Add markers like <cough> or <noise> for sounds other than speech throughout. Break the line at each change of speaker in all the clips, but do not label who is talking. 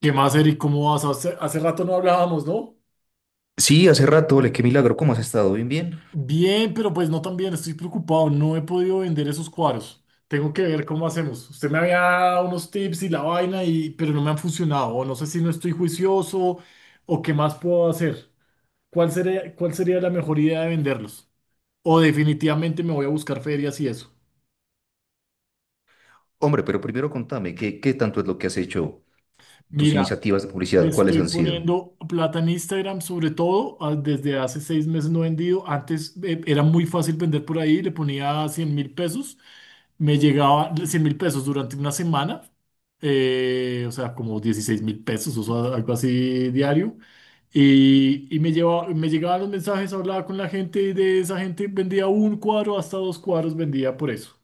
¿Qué más, Eric? ¿Cómo vas? Hace rato no hablábamos, ¿no?
Sí, hace rato, le qué milagro, ¿cómo has estado? Bien, bien.
Bien, pero pues no tan bien. Estoy preocupado. No he podido vender esos cuadros. Tengo que ver cómo hacemos. Usted me había dado unos tips y la vaina, pero no me han funcionado. O no sé si no estoy juicioso o qué más puedo hacer. ¿Cuál sería la mejor idea de venderlos? O definitivamente me voy a buscar ferias y eso.
Hombre, pero primero contame, ¿qué tanto es lo que has hecho? Tus
Mira,
iniciativas de
le
publicidad, ¿cuáles
estoy
han sido?
poniendo plata en Instagram, sobre todo, desde hace 6 meses no he vendido. Antes era muy fácil vender por ahí, le ponía 100.000 pesos, me llegaba 100.000 pesos durante una semana, o sea, como 16.000 pesos, o sea, algo así diario. Y me llegaban los mensajes, hablaba con la gente y de esa gente vendía un cuadro, hasta dos cuadros vendía por eso.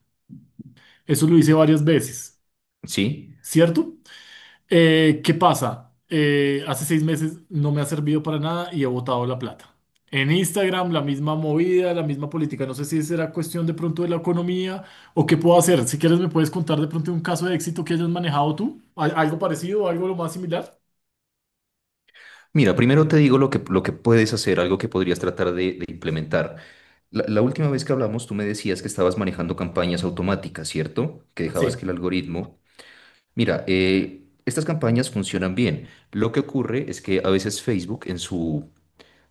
Eso lo hice varias veces,
Sí.
¿cierto? ¿Qué pasa? Hace 6 meses no me ha servido para nada y he botado la plata. En Instagram, la misma movida, la misma política. No sé si será cuestión de pronto de la economía o qué puedo hacer. Si quieres, me puedes contar de pronto un caso de éxito que hayas manejado tú. ¿Algo parecido, algo lo más similar?
Mira, primero te digo lo que puedes hacer, algo que podrías tratar de implementar. La última vez que hablamos, tú me decías que estabas manejando campañas automáticas, ¿cierto? Que dejabas
Sí.
que el algoritmo... Mira, estas campañas funcionan bien. Lo que ocurre es que a veces Facebook en su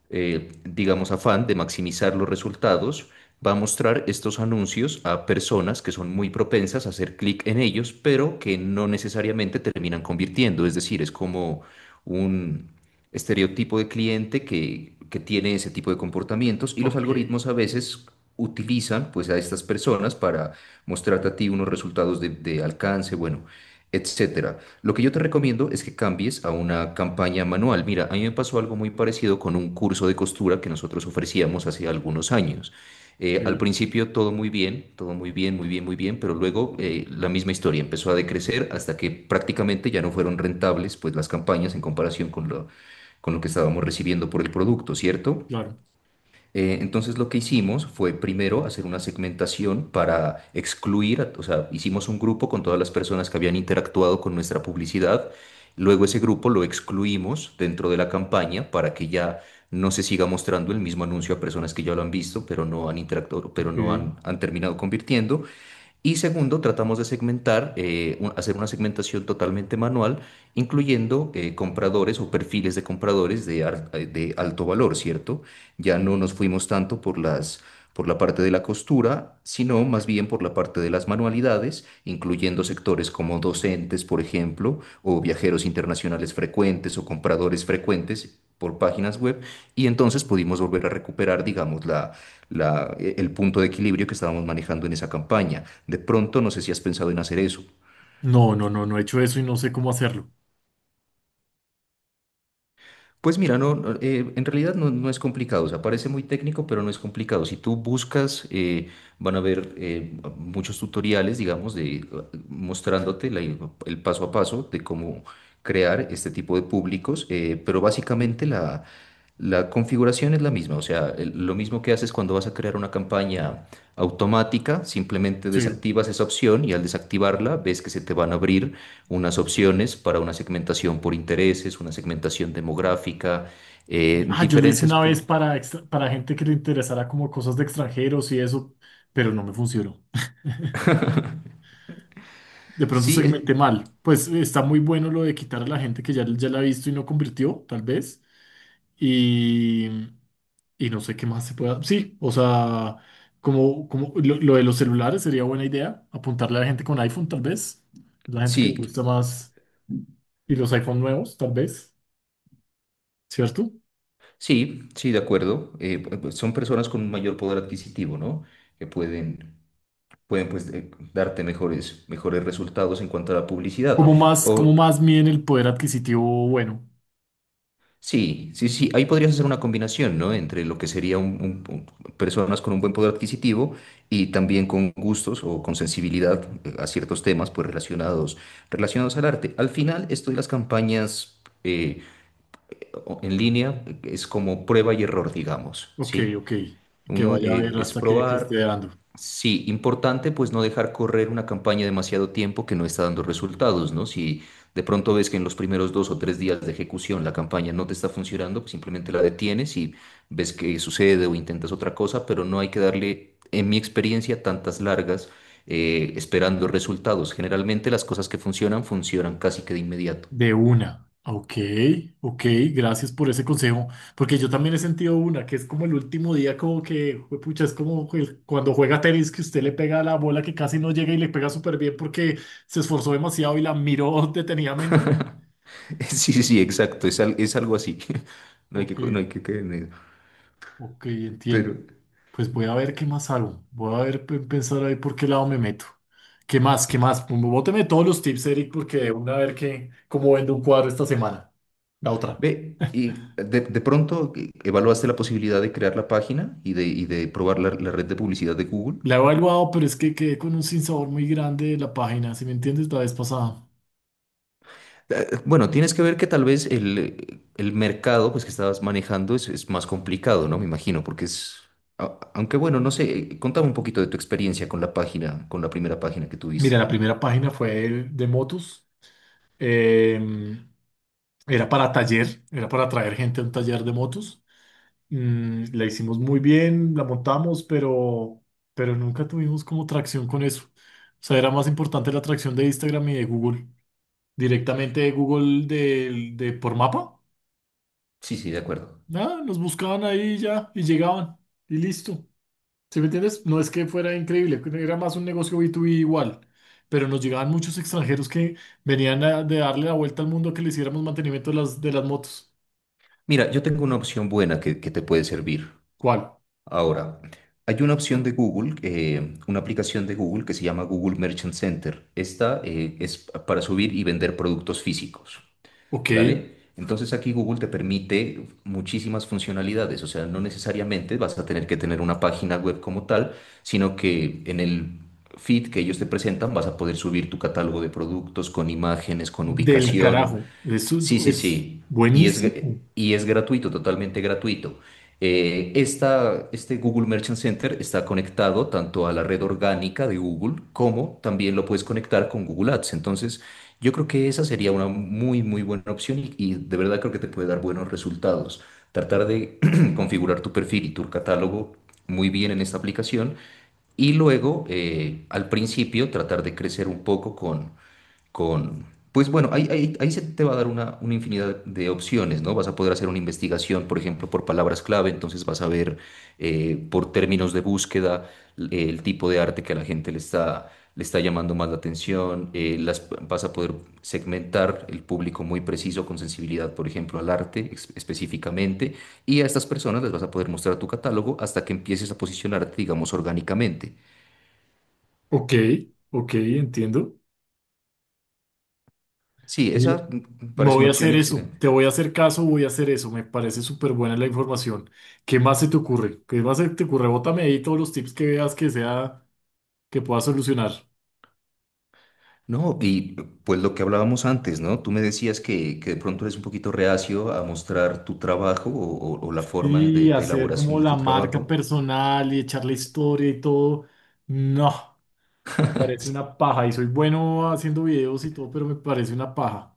digamos, afán de maximizar los resultados, va a mostrar estos anuncios a personas que son muy propensas a hacer clic en ellos, pero que no necesariamente terminan convirtiendo. Es decir, es como un estereotipo de cliente que tiene ese tipo de comportamientos y los
Ok,
algoritmos a veces utilizan pues a estas personas para mostrarte a ti unos resultados de alcance, bueno, etcétera. Lo que yo te recomiendo es que cambies a una campaña manual. Mira, a mí me pasó algo muy parecido con un curso de costura que nosotros ofrecíamos hace algunos años. Al
ok,
principio todo muy bien, muy bien, muy bien, pero luego la misma historia empezó a decrecer hasta que prácticamente ya no fueron rentables pues las campañas en comparación con lo que estábamos recibiendo por el producto, ¿cierto?
claro.
Entonces lo que hicimos fue primero hacer una segmentación para excluir, o sea, hicimos un grupo con todas las personas que habían interactuado con nuestra publicidad, luego ese grupo lo excluimos dentro de la campaña para que ya no se siga mostrando el mismo anuncio a personas que ya lo han visto, pero no han interactuado, pero
Ok.
no han, han terminado convirtiendo, y segundo, tratamos de segmentar, hacer una segmentación totalmente manual, incluyendo compradores o perfiles de compradores de alto valor, ¿cierto? Ya no nos fuimos tanto por por la parte de la costura, sino más bien por la parte de las manualidades, incluyendo sectores como docentes, por ejemplo, o viajeros internacionales frecuentes o compradores frecuentes por páginas web. Y entonces pudimos volver a recuperar, digamos, el punto de equilibrio que estábamos manejando en esa campaña. De pronto, no sé si has pensado en hacer eso.
No, no, no, no he hecho eso y no sé cómo hacerlo.
Pues mira, no, no, en realidad no, no es complicado, o sea, parece muy técnico, pero no es complicado. Si tú buscas, van a haber muchos tutoriales, digamos, de, mostrándote el paso a paso de cómo crear este tipo de públicos, pero
Sí.
básicamente la configuración es la misma, o sea, lo mismo que haces cuando vas a crear una campaña automática, simplemente
Sí.
desactivas esa opción y al desactivarla ves que se te van a abrir unas opciones para una segmentación por intereses, una segmentación demográfica,
Ah, yo lo hice
diferentes
una vez
públicos.
para, para gente que le interesara como cosas de extranjeros y eso, pero no me funcionó. De pronto
Sí, eh,
segmenté mal. Pues está muy bueno lo de quitar a la gente que ya, ya la ha visto y no convirtió, tal vez. Y, y no sé qué más se pueda. Sí, o sea, como lo de los celulares sería buena idea. Apuntarle a la gente con iPhone, tal vez. La gente que le
sí,
gusta más. Y los iPhone nuevos, tal vez. ¿Cierto?
sí, de acuerdo. Pues, son personas con un mayor poder adquisitivo, ¿no? Que pueden, pueden pues, darte mejores, mejores resultados en cuanto a la publicidad.
Como
O,
más miden el poder adquisitivo bueno.
Sí, sí, sí. Ahí podrías hacer una combinación, ¿no? Entre lo que sería personas con un buen poder adquisitivo y también con gustos o con sensibilidad a ciertos temas, pues relacionados, relacionados al arte. Al final, esto de las campañas en línea es como prueba y error, digamos,
Ok,
¿sí?
ok. Que
Uno
vaya a ver
es
hasta que esté
probar.
dando.
Sí, importante pues no dejar correr una campaña demasiado tiempo que no está dando resultados, ¿no? Si de pronto ves que en los primeros dos o tres días de ejecución la campaña no te está funcionando, pues simplemente la detienes y ves qué sucede o intentas otra cosa, pero no hay que darle, en mi experiencia, tantas largas esperando resultados. Generalmente las cosas que funcionan funcionan casi que de inmediato.
De una. Ok, ok, gracias por ese consejo. Porque yo también he sentido una, que es como el último día, como que, pucha, es como cuando juega tenis que usted le pega la bola que casi no llega y le pega súper bien porque se esforzó demasiado y la miró <laughs> detenidamente.
<laughs> Sí, sí, sí, exacto, es, es algo así. <laughs> No hay que,
Ok,
no hay que caer en eso.
ok, entiendo.
Pero...
Pues voy a ver qué más hago. Voy a ver, pensar ahí por qué lado me meto. ¿Qué más? ¿Qué más? Pues, bóteme todos los tips, Eric, porque de una a ver qué cómo vendo un cuadro esta semana. La otra.
Ve, y de pronto evaluaste la posibilidad de crear la página y de probar la red de publicidad de Google.
La he evaluado, pero es que quedé con un sinsabor muy grande de la página, si me entiendes, la vez pasada.
Bueno, tienes que ver que tal vez el mercado pues, que estabas manejando es más complicado, ¿no? Me imagino, porque es... Aunque bueno, no sé, contame un poquito de tu experiencia con la página, con la primera página que
Mira, la
tuviste.
primera página fue el de motos. em, Era para taller, era para traer gente a un taller de motos. La hicimos muy bien, la montamos, pero nunca tuvimos como tracción con eso. O sea, era más importante la tracción de Instagram y de Google. Directamente de Google de por mapa.
Sí, sí, de acuerdo.
Nada, nos buscaban ahí ya y llegaban y listo. ¿Sí me entiendes? No es que fuera increíble, era más un negocio B2B igual, pero nos llegaban muchos extranjeros que venían de darle la vuelta al mundo a que le hiciéramos mantenimiento de las motos.
Mira, yo tengo una opción buena que te puede servir.
¿Cuál?
Ahora, hay una opción de Google, una aplicación de Google que se llama Google Merchant Center. Esta es para subir y vender productos físicos,
Ok,
¿vale? Entonces aquí Google te permite muchísimas funcionalidades, o sea, no necesariamente vas a tener que tener una página web como tal, sino que en el feed que ellos te presentan vas a poder subir tu catálogo de productos con imágenes, con
del
ubicación,
carajo. Eso
sí, sí,
es
sí. Y es, gr-
buenísimo.
y es gratuito, totalmente gratuito. Esta, este Google Merchant Center está conectado tanto a la red orgánica de Google como también lo puedes conectar con Google Ads. Entonces, yo creo que esa sería una muy, muy buena opción y de verdad creo que te puede dar buenos resultados. Tratar de <clears throat> configurar tu perfil y tu catálogo muy bien en esta aplicación. Y luego, al principio, tratar de crecer un poco con pues bueno, ahí, ahí, ahí se te va a dar una infinidad de opciones, ¿no? Vas a poder hacer una investigación, por ejemplo, por palabras clave, entonces vas a ver por términos de búsqueda el tipo de arte que a la gente le está llamando más la atención, vas a poder segmentar el público muy preciso con sensibilidad, por ejemplo, al arte específicamente, y a estas personas les vas a poder mostrar tu catálogo hasta que empieces a posicionarte, digamos, orgánicamente.
Ok, ok, entiendo.
Sí,
Oye,
esa
me
parece
voy
una
a
opción
hacer eso,
excelente.
te voy a hacer caso, voy a hacer eso. Me parece súper buena la información. ¿Qué más se te ocurre? ¿Qué más se te ocurre? Bótame ahí todos los tips que veas que sea, que pueda solucionar.
No, y pues lo que hablábamos antes, ¿no? Tú me decías que de pronto eres un poquito reacio a mostrar tu trabajo o la forma
Y
de
hacer
elaboración
como
de
la
tu
marca
trabajo.
personal y echar la historia y todo. No, me parece una paja. Y soy bueno haciendo videos y todo, pero me parece una paja.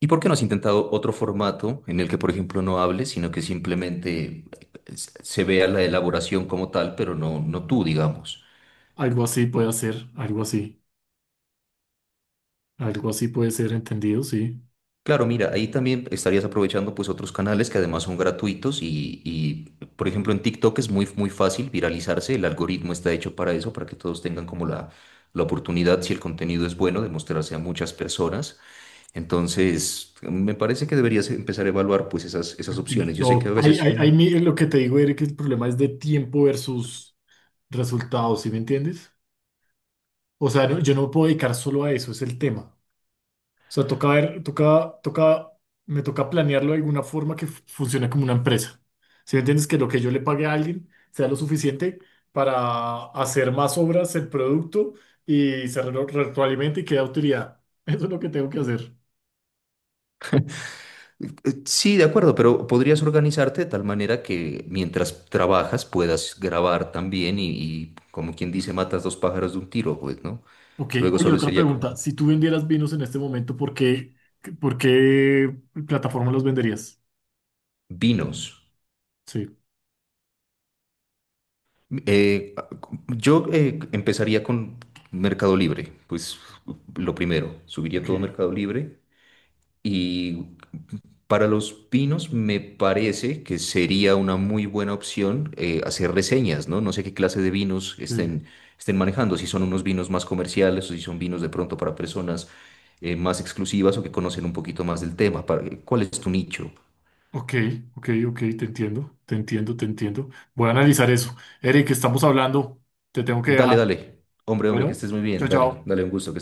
¿Y por qué no has intentado otro formato en el que, por ejemplo, no hables, sino que simplemente se vea la elaboración como tal, pero no, no tú, digamos?
Algo así puede hacer, algo así. Algo así puede ser entendido, sí.
Claro, mira, ahí también estarías aprovechando pues otros canales que además son gratuitos y, por ejemplo en TikTok es muy, muy fácil viralizarse, el algoritmo está hecho para eso, para que todos tengan como la oportunidad, si el contenido es bueno, de mostrarse a muchas personas. Entonces, me parece que deberías empezar a evaluar pues esas, esas opciones. Yo sé que a
TikTok. Ahí,
veces...
ahí lo que te digo, Eric, el problema es de tiempo versus resultados, ¿sí me entiendes? O sea, yo no me puedo dedicar solo a eso, es el tema. O sea, toca ver, toca, toca, me toca planearlo de alguna forma que funcione como una empresa. Si me entiendes que lo que yo le pague a alguien sea lo suficiente para hacer más obras el producto y se retroalimente y quede utilidad. <laughs> Eso es lo que tengo que hacer.
sí, de acuerdo, pero podrías organizarte de tal manera que mientras trabajas puedas grabar también y como quien dice, matas dos pájaros de un tiro, pues, ¿no?
Ok,
Luego
oye,
solo
otra
sería como
pregunta. Si tú vendieras vinos en este momento, ¿por qué plataforma los venderías?
Vinos.
Sí,
Eh, yo empezaría con Mercado Libre, pues lo primero, subiría
ok.
todo a Mercado Libre y para los vinos me parece que sería una muy buena opción hacer reseñas, ¿no? No sé qué clase de vinos
Sí.
estén, estén manejando, si son unos vinos más comerciales o si son vinos de pronto para personas más exclusivas o que conocen un poquito más del tema. Para- ¿cuál es tu nicho?
Ok, ok, ok, te entiendo, te entiendo, te entiendo. Voy a analizar eso. Eric, estamos hablando. Te tengo que dejar.
Dale, dale. Hombre, hombre, que
Bueno,
estés muy
chao,
bien. Dale,
chao.
dale, un gusto.